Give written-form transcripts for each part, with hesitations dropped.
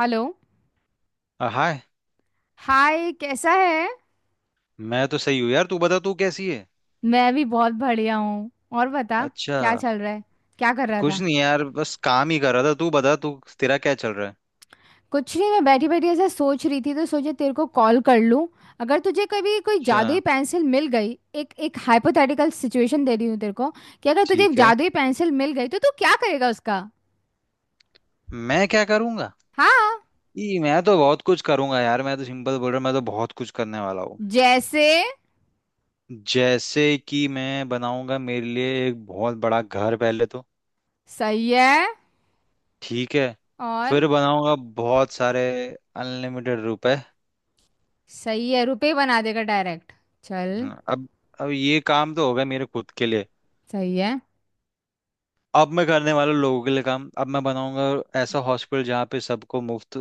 Hello. हाय। Hi, कैसा है? मैं तो सही हूँ यार, तू बता तू कैसी है। मैं भी बहुत बढ़िया हूँ। और बता, अच्छा। क्या चल रहा है? क्या कर रहा कुछ था? नहीं यार बस काम ही कर रहा था, तू बता तू तेरा क्या चल रहा है। कुछ नहीं, मैं बैठी बैठी ऐसा सोच रही थी तो सोचे तेरे को कॉल कर लूँ। अगर तुझे कभी कोई अच्छा। जादुई पेंसिल मिल गई, एक एक हाइपोथेटिकल सिचुएशन दे रही हूँ तेरे को, कि अगर तुझे एक ठीक है। जादुई पेंसिल मिल गई तो तू क्या करेगा उसका? मैं क्या करूंगा? हाँ। ई मैं तो बहुत कुछ करूंगा यार, मैं तो सिंपल बोल रहा हूँ, मैं तो बहुत कुछ करने वाला हूँ। जैसे? जैसे कि मैं बनाऊंगा मेरे लिए एक बहुत बड़ा घर पहले तो। सही है। ठीक है। और? फिर बनाऊंगा बहुत सारे अनलिमिटेड रुपए। सही है, रुपए बना देगा डायरेक्ट। चल। हाँ, अब ये काम तो होगा मेरे खुद के लिए। सही है। अब मैं करने वाला हूँ लोगों के लिए काम, अब मैं बनाऊंगा ऐसा हॉस्पिटल जहाँ पे सबको मुफ्त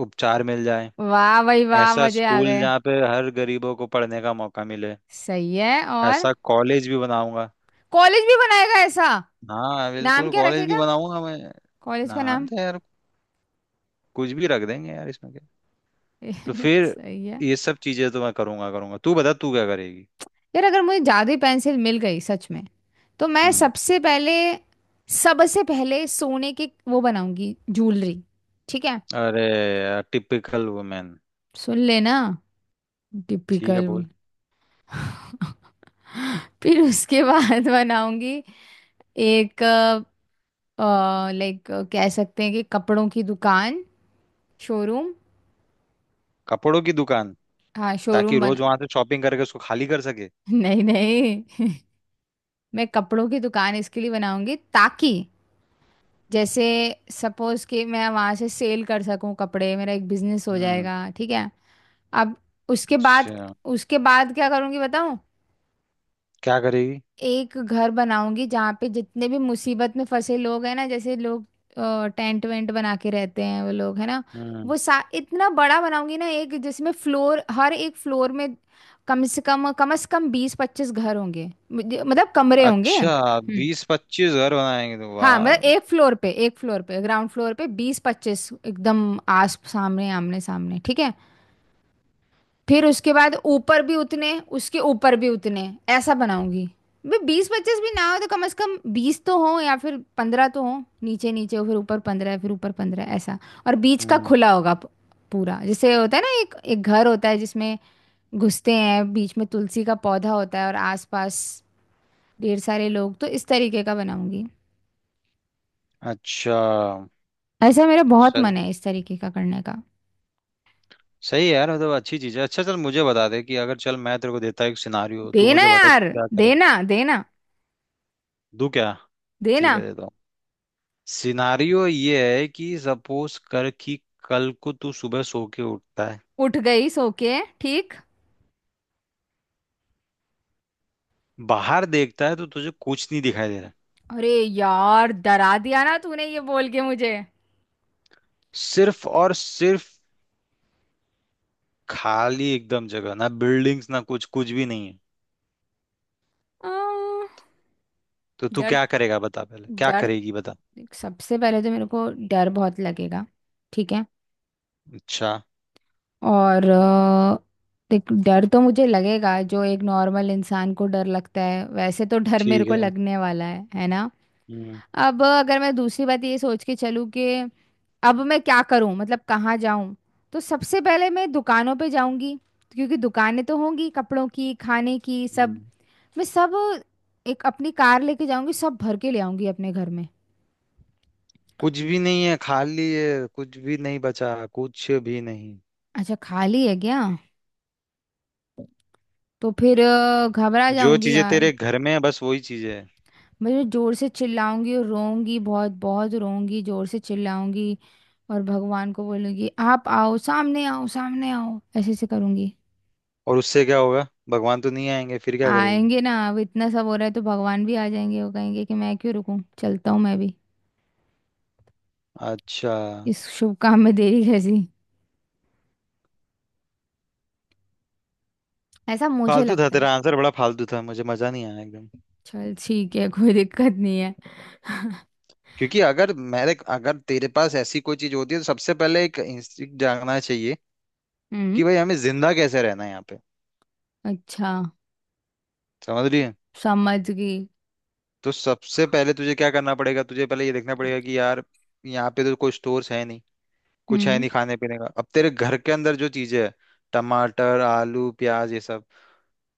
उपचार मिल जाए। वाह भाई वाह, ऐसा मजे आ स्कूल गए। जहाँ पे हर गरीबों को पढ़ने का मौका मिले। सही है। और? ऐसा कॉलेज भी बनाऊंगा। कॉलेज भी बनाएगा ऐसा? हाँ नाम बिल्कुल क्या कॉलेज भी रखेगा? बनाऊंगा मैं। कॉलेज का नाम नाम? तो यार कुछ भी रख देंगे यार, इसमें क्या। तो फिर सही है। ये सब चीजें तो मैं करूंगा करूंगा। तू बता तू क्या करेगी। यार अगर मुझे जादुई पेंसिल मिल गई सच में, तो मैं हम्म। सबसे पहले सोने के वो बनाऊंगी, ज्वेलरी। ठीक है। अरे यार टिपिकल वुमेन। सुन लेना, ठीक है टिपिकल। बोल। फिर उसके बाद बनाऊंगी एक, लाइक कह सकते हैं कि कपड़ों की दुकान, शोरूम। कपड़ों की दुकान? हाँ, ताकि शोरूम रोज बना। वहां से शॉपिंग करके उसको खाली कर सके। नहीं नहीं। मैं कपड़ों की दुकान इसके लिए बनाऊंगी ताकि, जैसे सपोज कि मैं वहां से सेल कर सकूं कपड़े, मेरा एक बिजनेस हो हम्म। जाएगा। ठीक है। अब उसके बाद, अच्छा। क्या करूंगी बताऊं? क्या करेगी? एक घर बनाऊंगी जहाँ पे जितने भी मुसीबत में फंसे लोग हैं ना, जैसे लोग टेंट वेंट बना के रहते हैं वो लोग, है ना। हम्म। वो सा इतना बड़ा बनाऊंगी ना एक, जिसमें फ्लोर हर एक फ्लोर में कम से कम 20-25 घर होंगे, मतलब कमरे होंगे। अच्छा हम्म। 20-25 घर बनाएंगे तो हाँ वाह। मतलब एक फ्लोर पे, एक फ्लोर पे ग्राउंड फ्लोर पे 20-25 एकदम आस सामने, आमने सामने। ठीक है। फिर उसके बाद ऊपर भी उतने, उसके ऊपर भी उतने, ऐसा बनाऊंगी। भाई 20-25 भी ना हो तो कम से कम 20 तो हो, या फिर 15 तो हो नीचे, नीचे हो फिर ऊपर 15 फिर ऊपर 15 ऐसा और बीच का हम्म। खुला होगा पूरा। जैसे होता है ना एक एक घर होता है जिसमें घुसते हैं, बीच में तुलसी का पौधा होता है और आसपास ढेर सारे लोग, तो इस तरीके का बनाऊंगी। अच्छा। ऐसा मेरा बहुत सही। मन है इस तरीके का करने का। सही है यार, मतलब अच्छी चीज है। अच्छा चल मुझे बता दे कि अगर चल मैं तेरे को देता हूँ एक सिनारियो, तू देना मुझे बता तू यार, क्या करेगा। देना देना। तू क्या? ठीक देना। है देता हूँ। सिनारियो ये है कि सपोज कर कि कल को तू सुबह सो के उठता है, उठ गई सो के, ठीक। बाहर देखता है तो तुझे कुछ नहीं दिखाई दे रहा है। अरे यार डरा दिया ना तूने ये बोल के मुझे। सिर्फ और सिर्फ खाली एकदम जगह, ना बिल्डिंग्स ना कुछ, कुछ भी नहीं है। आ, तो तू डर, क्या करेगा बता, पहले क्या डर। करेगी बता। सबसे पहले तो मेरे को डर बहुत लगेगा। ठीक है। अच्छा। और देख डर तो मुझे लगेगा, जो एक नॉर्मल इंसान को डर लगता है वैसे तो डर मेरे ठीक को है। लगने वाला है ना। हम्म अब अगर मैं दूसरी बात ये सोच के चलूँ कि अब मैं क्या करूं, मतलब कहाँ जाऊं, तो सबसे पहले मैं दुकानों पे जाऊंगी। क्योंकि दुकानें तो होंगी कपड़ों की, खाने की, सब। हम्म। मैं सब एक अपनी कार लेके जाऊंगी, सब भर के ले आऊंगी अपने घर में। कुछ भी नहीं है, खाली है, कुछ भी नहीं बचा कुछ भी नहीं। अच्छा खाली है क्या? तो फिर घबरा जो जाऊंगी चीजें यार। तेरे घर में है बस वही चीजें है। मैं जोर से चिल्लाऊंगी और रोऊंगी, बहुत बहुत रोऊंगी, जोर से चिल्लाऊंगी। और भगवान को बोलूंगी, आप आओ सामने, आओ सामने आओ, ऐसे ऐसे करूंगी। और उससे क्या होगा, भगवान तो नहीं आएंगे, फिर क्या करेगी? आएंगे ना, अब इतना सब हो रहा है तो भगवान भी आ जाएंगे, वो कहेंगे कि मैं क्यों रुकूं, चलता हूँ मैं भी, अच्छा। इस शुभ काम में देरी कैसी। ऐसा मुझे फालतू था लगता है। तेरा आंसर, बड़ा फालतू था, मुझे मजा नहीं आया एकदम। चल ठीक है, कोई दिक्कत नहीं है। क्योंकि अगर तेरे पास ऐसी कोई चीज होती है तो सबसे पहले एक इंस्टिंक्ट जागना चाहिए कि हम्म। भाई हमें जिंदा कैसे रहना है यहाँ पे। अच्छा, समझ रही है? समझ गई। तो सबसे पहले तुझे क्या करना पड़ेगा, तुझे पहले ये देखना पड़ेगा कि यार यहाँ पे तो कोई स्टोर्स है नहीं, कुछ है हम्म। नहीं खाने पीने का। अब तेरे घर के अंदर जो चीजें है, टमाटर आलू प्याज ये सब,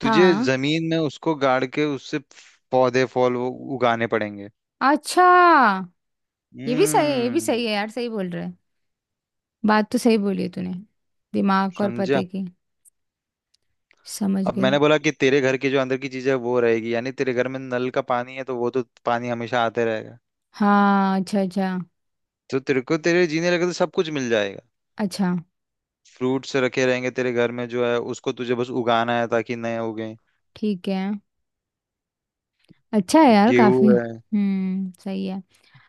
तुझे हाँ जमीन में उसको गाड़ के उससे पौधे फल वो उगाने पड़ेंगे। अच्छा। ये भी सही है, ये भी हम्म। सही है यार, सही बोल रहे है। बात तो सही बोली है तूने, दिमाग और समझा? पते की। समझ अब गई। मैंने बोला कि तेरे घर के जो अंदर की चीजें हैं, वो रहेगी, यानी तेरे घर में नल का पानी है तो वो तो पानी हमेशा आते रहेगा। हाँ अच्छा अच्छा। तो तेरे को तेरे जीने लगे तो सब कुछ मिल जाएगा। अच्छा फ्रूट्स रखे रहेंगे तेरे घर में, जो है उसको तुझे बस उगाना है ताकि नए उगे। ठीक है। अच्छा है यार गेहूं काफी, है। सही है।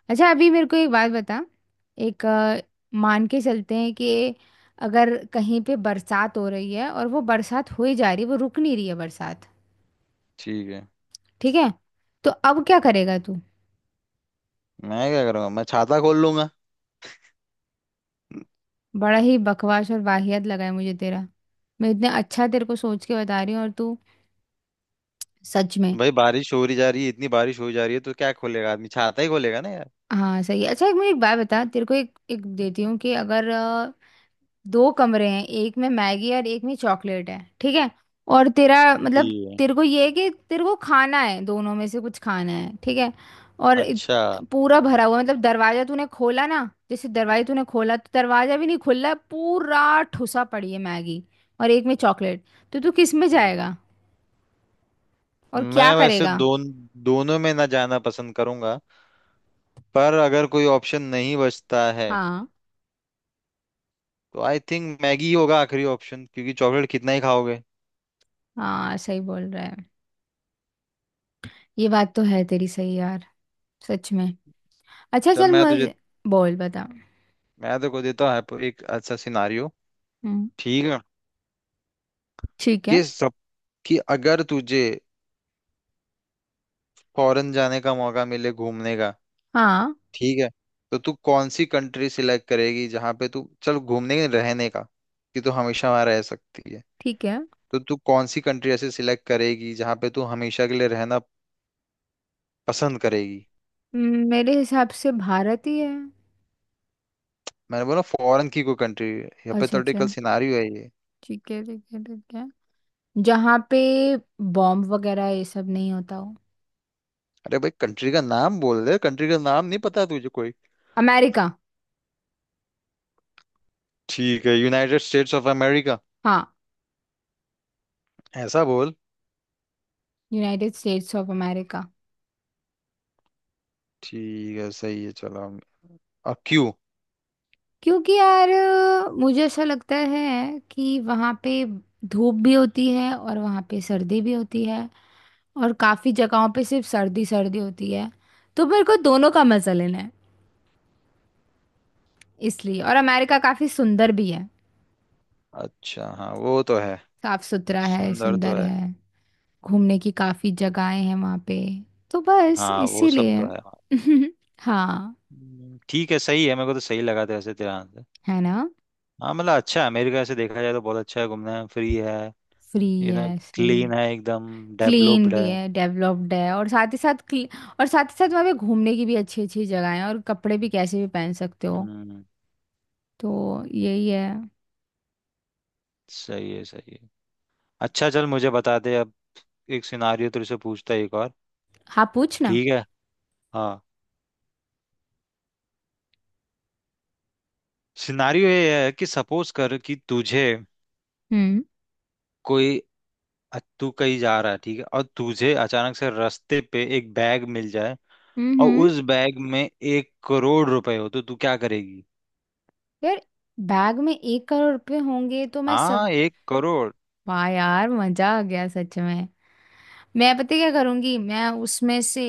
अच्छा अभी मेरे को एक बात बता। एक मान के चलते हैं कि अगर कहीं पे बरसात हो रही है और वो बरसात हो ही जा रही है, वो रुक नहीं रही है बरसात। ठीक है। ठीक है। तो अब क्या करेगा तू? मैं क्या करूंगा, मैं छाता खोल लूंगा। बड़ा ही बकवास और वाहियत लगा है मुझे तेरा। मैं इतने अच्छा तेरे को सोच के बता रही हूँ और तू, सच में। भाई बारिश हो रही जा रही है, इतनी बारिश हो जा रही है तो क्या खोलेगा आदमी, छाता ही खोलेगा ना यार। हाँ सही है। अच्छा एक मुझे एक बात बता, तेरे को एक एक देती हूँ कि अगर दो कमरे हैं, एक में मैगी और एक में चॉकलेट है। ठीक है। और तेरा मतलब, ठीक है। तेरे को ये है कि तेरे को खाना है, दोनों में से कुछ खाना है। ठीक है। और अच्छा। पूरा भरा हुआ मतलब, दरवाजा तूने खोला ना, जैसे दरवाजा तूने खोला तो दरवाजा भी नहीं खुल रहा, पूरा ठुसा पड़ी है मैगी, और एक में चॉकलेट। तो तू किस में हम्म हम्म। जाएगा और क्या मैं वैसे करेगा? दोनों में ना जाना पसंद करूंगा, पर अगर कोई ऑप्शन नहीं बचता है हाँ, तो आई थिंक मैगी ही होगा आखिरी ऑप्शन, क्योंकि चॉकलेट कितना ही खाओगे। हाँ सही बोल रहा है। ये बात तो है तेरी सही, यार सच में। अच्छा चल चल मैं तुझे, मुझे, बोल बता। मैं तो को देता हूँ एक अच्छा सिनारियो। हम्म। ठीक है। ठीक है। कि सबकी, अगर तुझे फॉरेन जाने का मौका मिले घूमने का, हाँ ठीक है, तो तू कौन सी कंट्री सिलेक्ट करेगी जहां पे तू चल घूमने रहने का, कि तू हमेशा वहां रह सकती है, ठीक है। तो तू कौन सी कंट्री ऐसे सिलेक्ट करेगी जहां पे तू हमेशा के लिए रहना पसंद करेगी। मेरे हिसाब से भारत ही है। मैंने बोला फॉरेन की कोई कंट्री, अच्छा अच्छा। हाइपोथेटिकल सिनारियो है ये। ठीक है, ठीक है, ठीक है। जहाँ पे बॉम्ब वगैरह ये सब नहीं होता हो। अरे भाई कंट्री का नाम बोल दे, कंट्री का नाम नहीं पता तुझे कोई? अमेरिका। ठीक है, यूनाइटेड स्टेट्स ऑफ अमेरिका, हाँ, ऐसा बोल। United States of America. ठीक है सही है चलो हम-। और क्यों? क्योंकि यार मुझे ऐसा लगता है कि वहाँ पे धूप भी होती है और वहाँ पे सर्दी भी होती है। और काफ़ी जगहों पे सिर्फ सर्दी सर्दी होती है, तो मेरे को दोनों का मजा लेना है इसलिए। और अमेरिका काफी सुंदर भी है। अच्छा हाँ वो तो है। साफ सुथरा है, सुंदर तो सुंदर है। है। घूमने की काफी जगहें हैं वहाँ पे, तो बस हाँ वो सब इसीलिए। तो है। हाँ। ठीक है सही है, मेरे को तो सही लगा था वैसे तेरा आंसर। है ना। हाँ मतलब अच्छा है अमेरिका, से देखा जाए तो बहुत अच्छा है, घूमना है, फ्री है, फ्री यू नो, है, सही। क्लीन है एकदम, क्लीन डेवलप्ड भी है। है, डेवलप्ड है, और साथ ही साथ और साथ ही साथ वहाँ पे घूमने की भी अच्छी अच्छी जगह है और कपड़े भी कैसे भी पहन सकते हो। हम्म। तो यही है। सही है सही है। अच्छा चल मुझे बता दे, अब एक सिनारियो तेरे से पूछता है एक और। हाँ, पूछना। ठीक है। हाँ। सिनारियो ये है कि सपोज कर कि तुझे हम्म कोई, तू कहीं जा रहा है ठीक है, और तुझे अचानक से रास्ते पे एक बैग मिल जाए, हम्म और हम्म। उस बैग में 1 करोड़ रुपए हो, तो तू क्या करेगी? यार बैग में 1 करोड़ रुपए होंगे तो मैं सब, हाँ 1 करोड़। वाह यार मजा आ गया सच में। मैं पता है क्या करूंगी, मैं उसमें से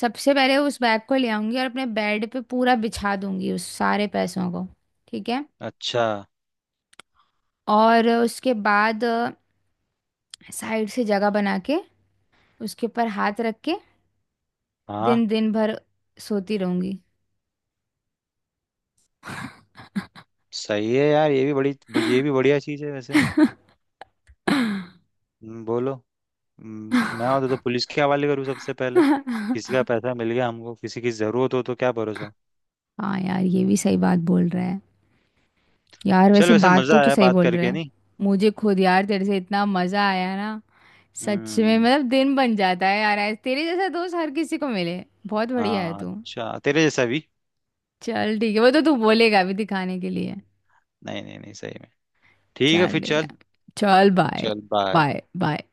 सबसे पहले उस बैग को ले आऊंगी और अपने बेड पे पूरा बिछा दूंगी उस सारे पैसों को। ठीक है। अच्छा। और उसके बाद साइड से जगह बना के, उसके ऊपर हाथ रख के, हाँ दिन दिन भर सोती रहूंगी। सही है यार, ये भी बड़ी, ये भी बढ़िया चीज़ है वैसे। बोलो। मैं होता तो पुलिस के हवाले करूँ सबसे पहले, किसी का पैसा मिल गया हमको, किसी की ज़रूरत हो तो क्या भरोसा। हाँ यार, ये भी सही बात बोल रहा है। यार चल वैसे वैसे बात तो मज़ा तू आया सही बात बोल रहा करके, है। नहीं? मुझे खुद यार तेरे से इतना मजा आया ना, सच में हम्म। मतलब दिन बन जाता है यार तेरे जैसा दोस्त हर किसी को मिले, बहुत बढ़िया है हाँ, तू। अच्छा तेरे जैसा भी। चल ठीक है, वो तो तू बोलेगा अभी दिखाने के लिए। नहीं नहीं नहीं सही में। ठीक है चल फिर ठीक चल। है। चल बाय। चल बाय। Bye bye.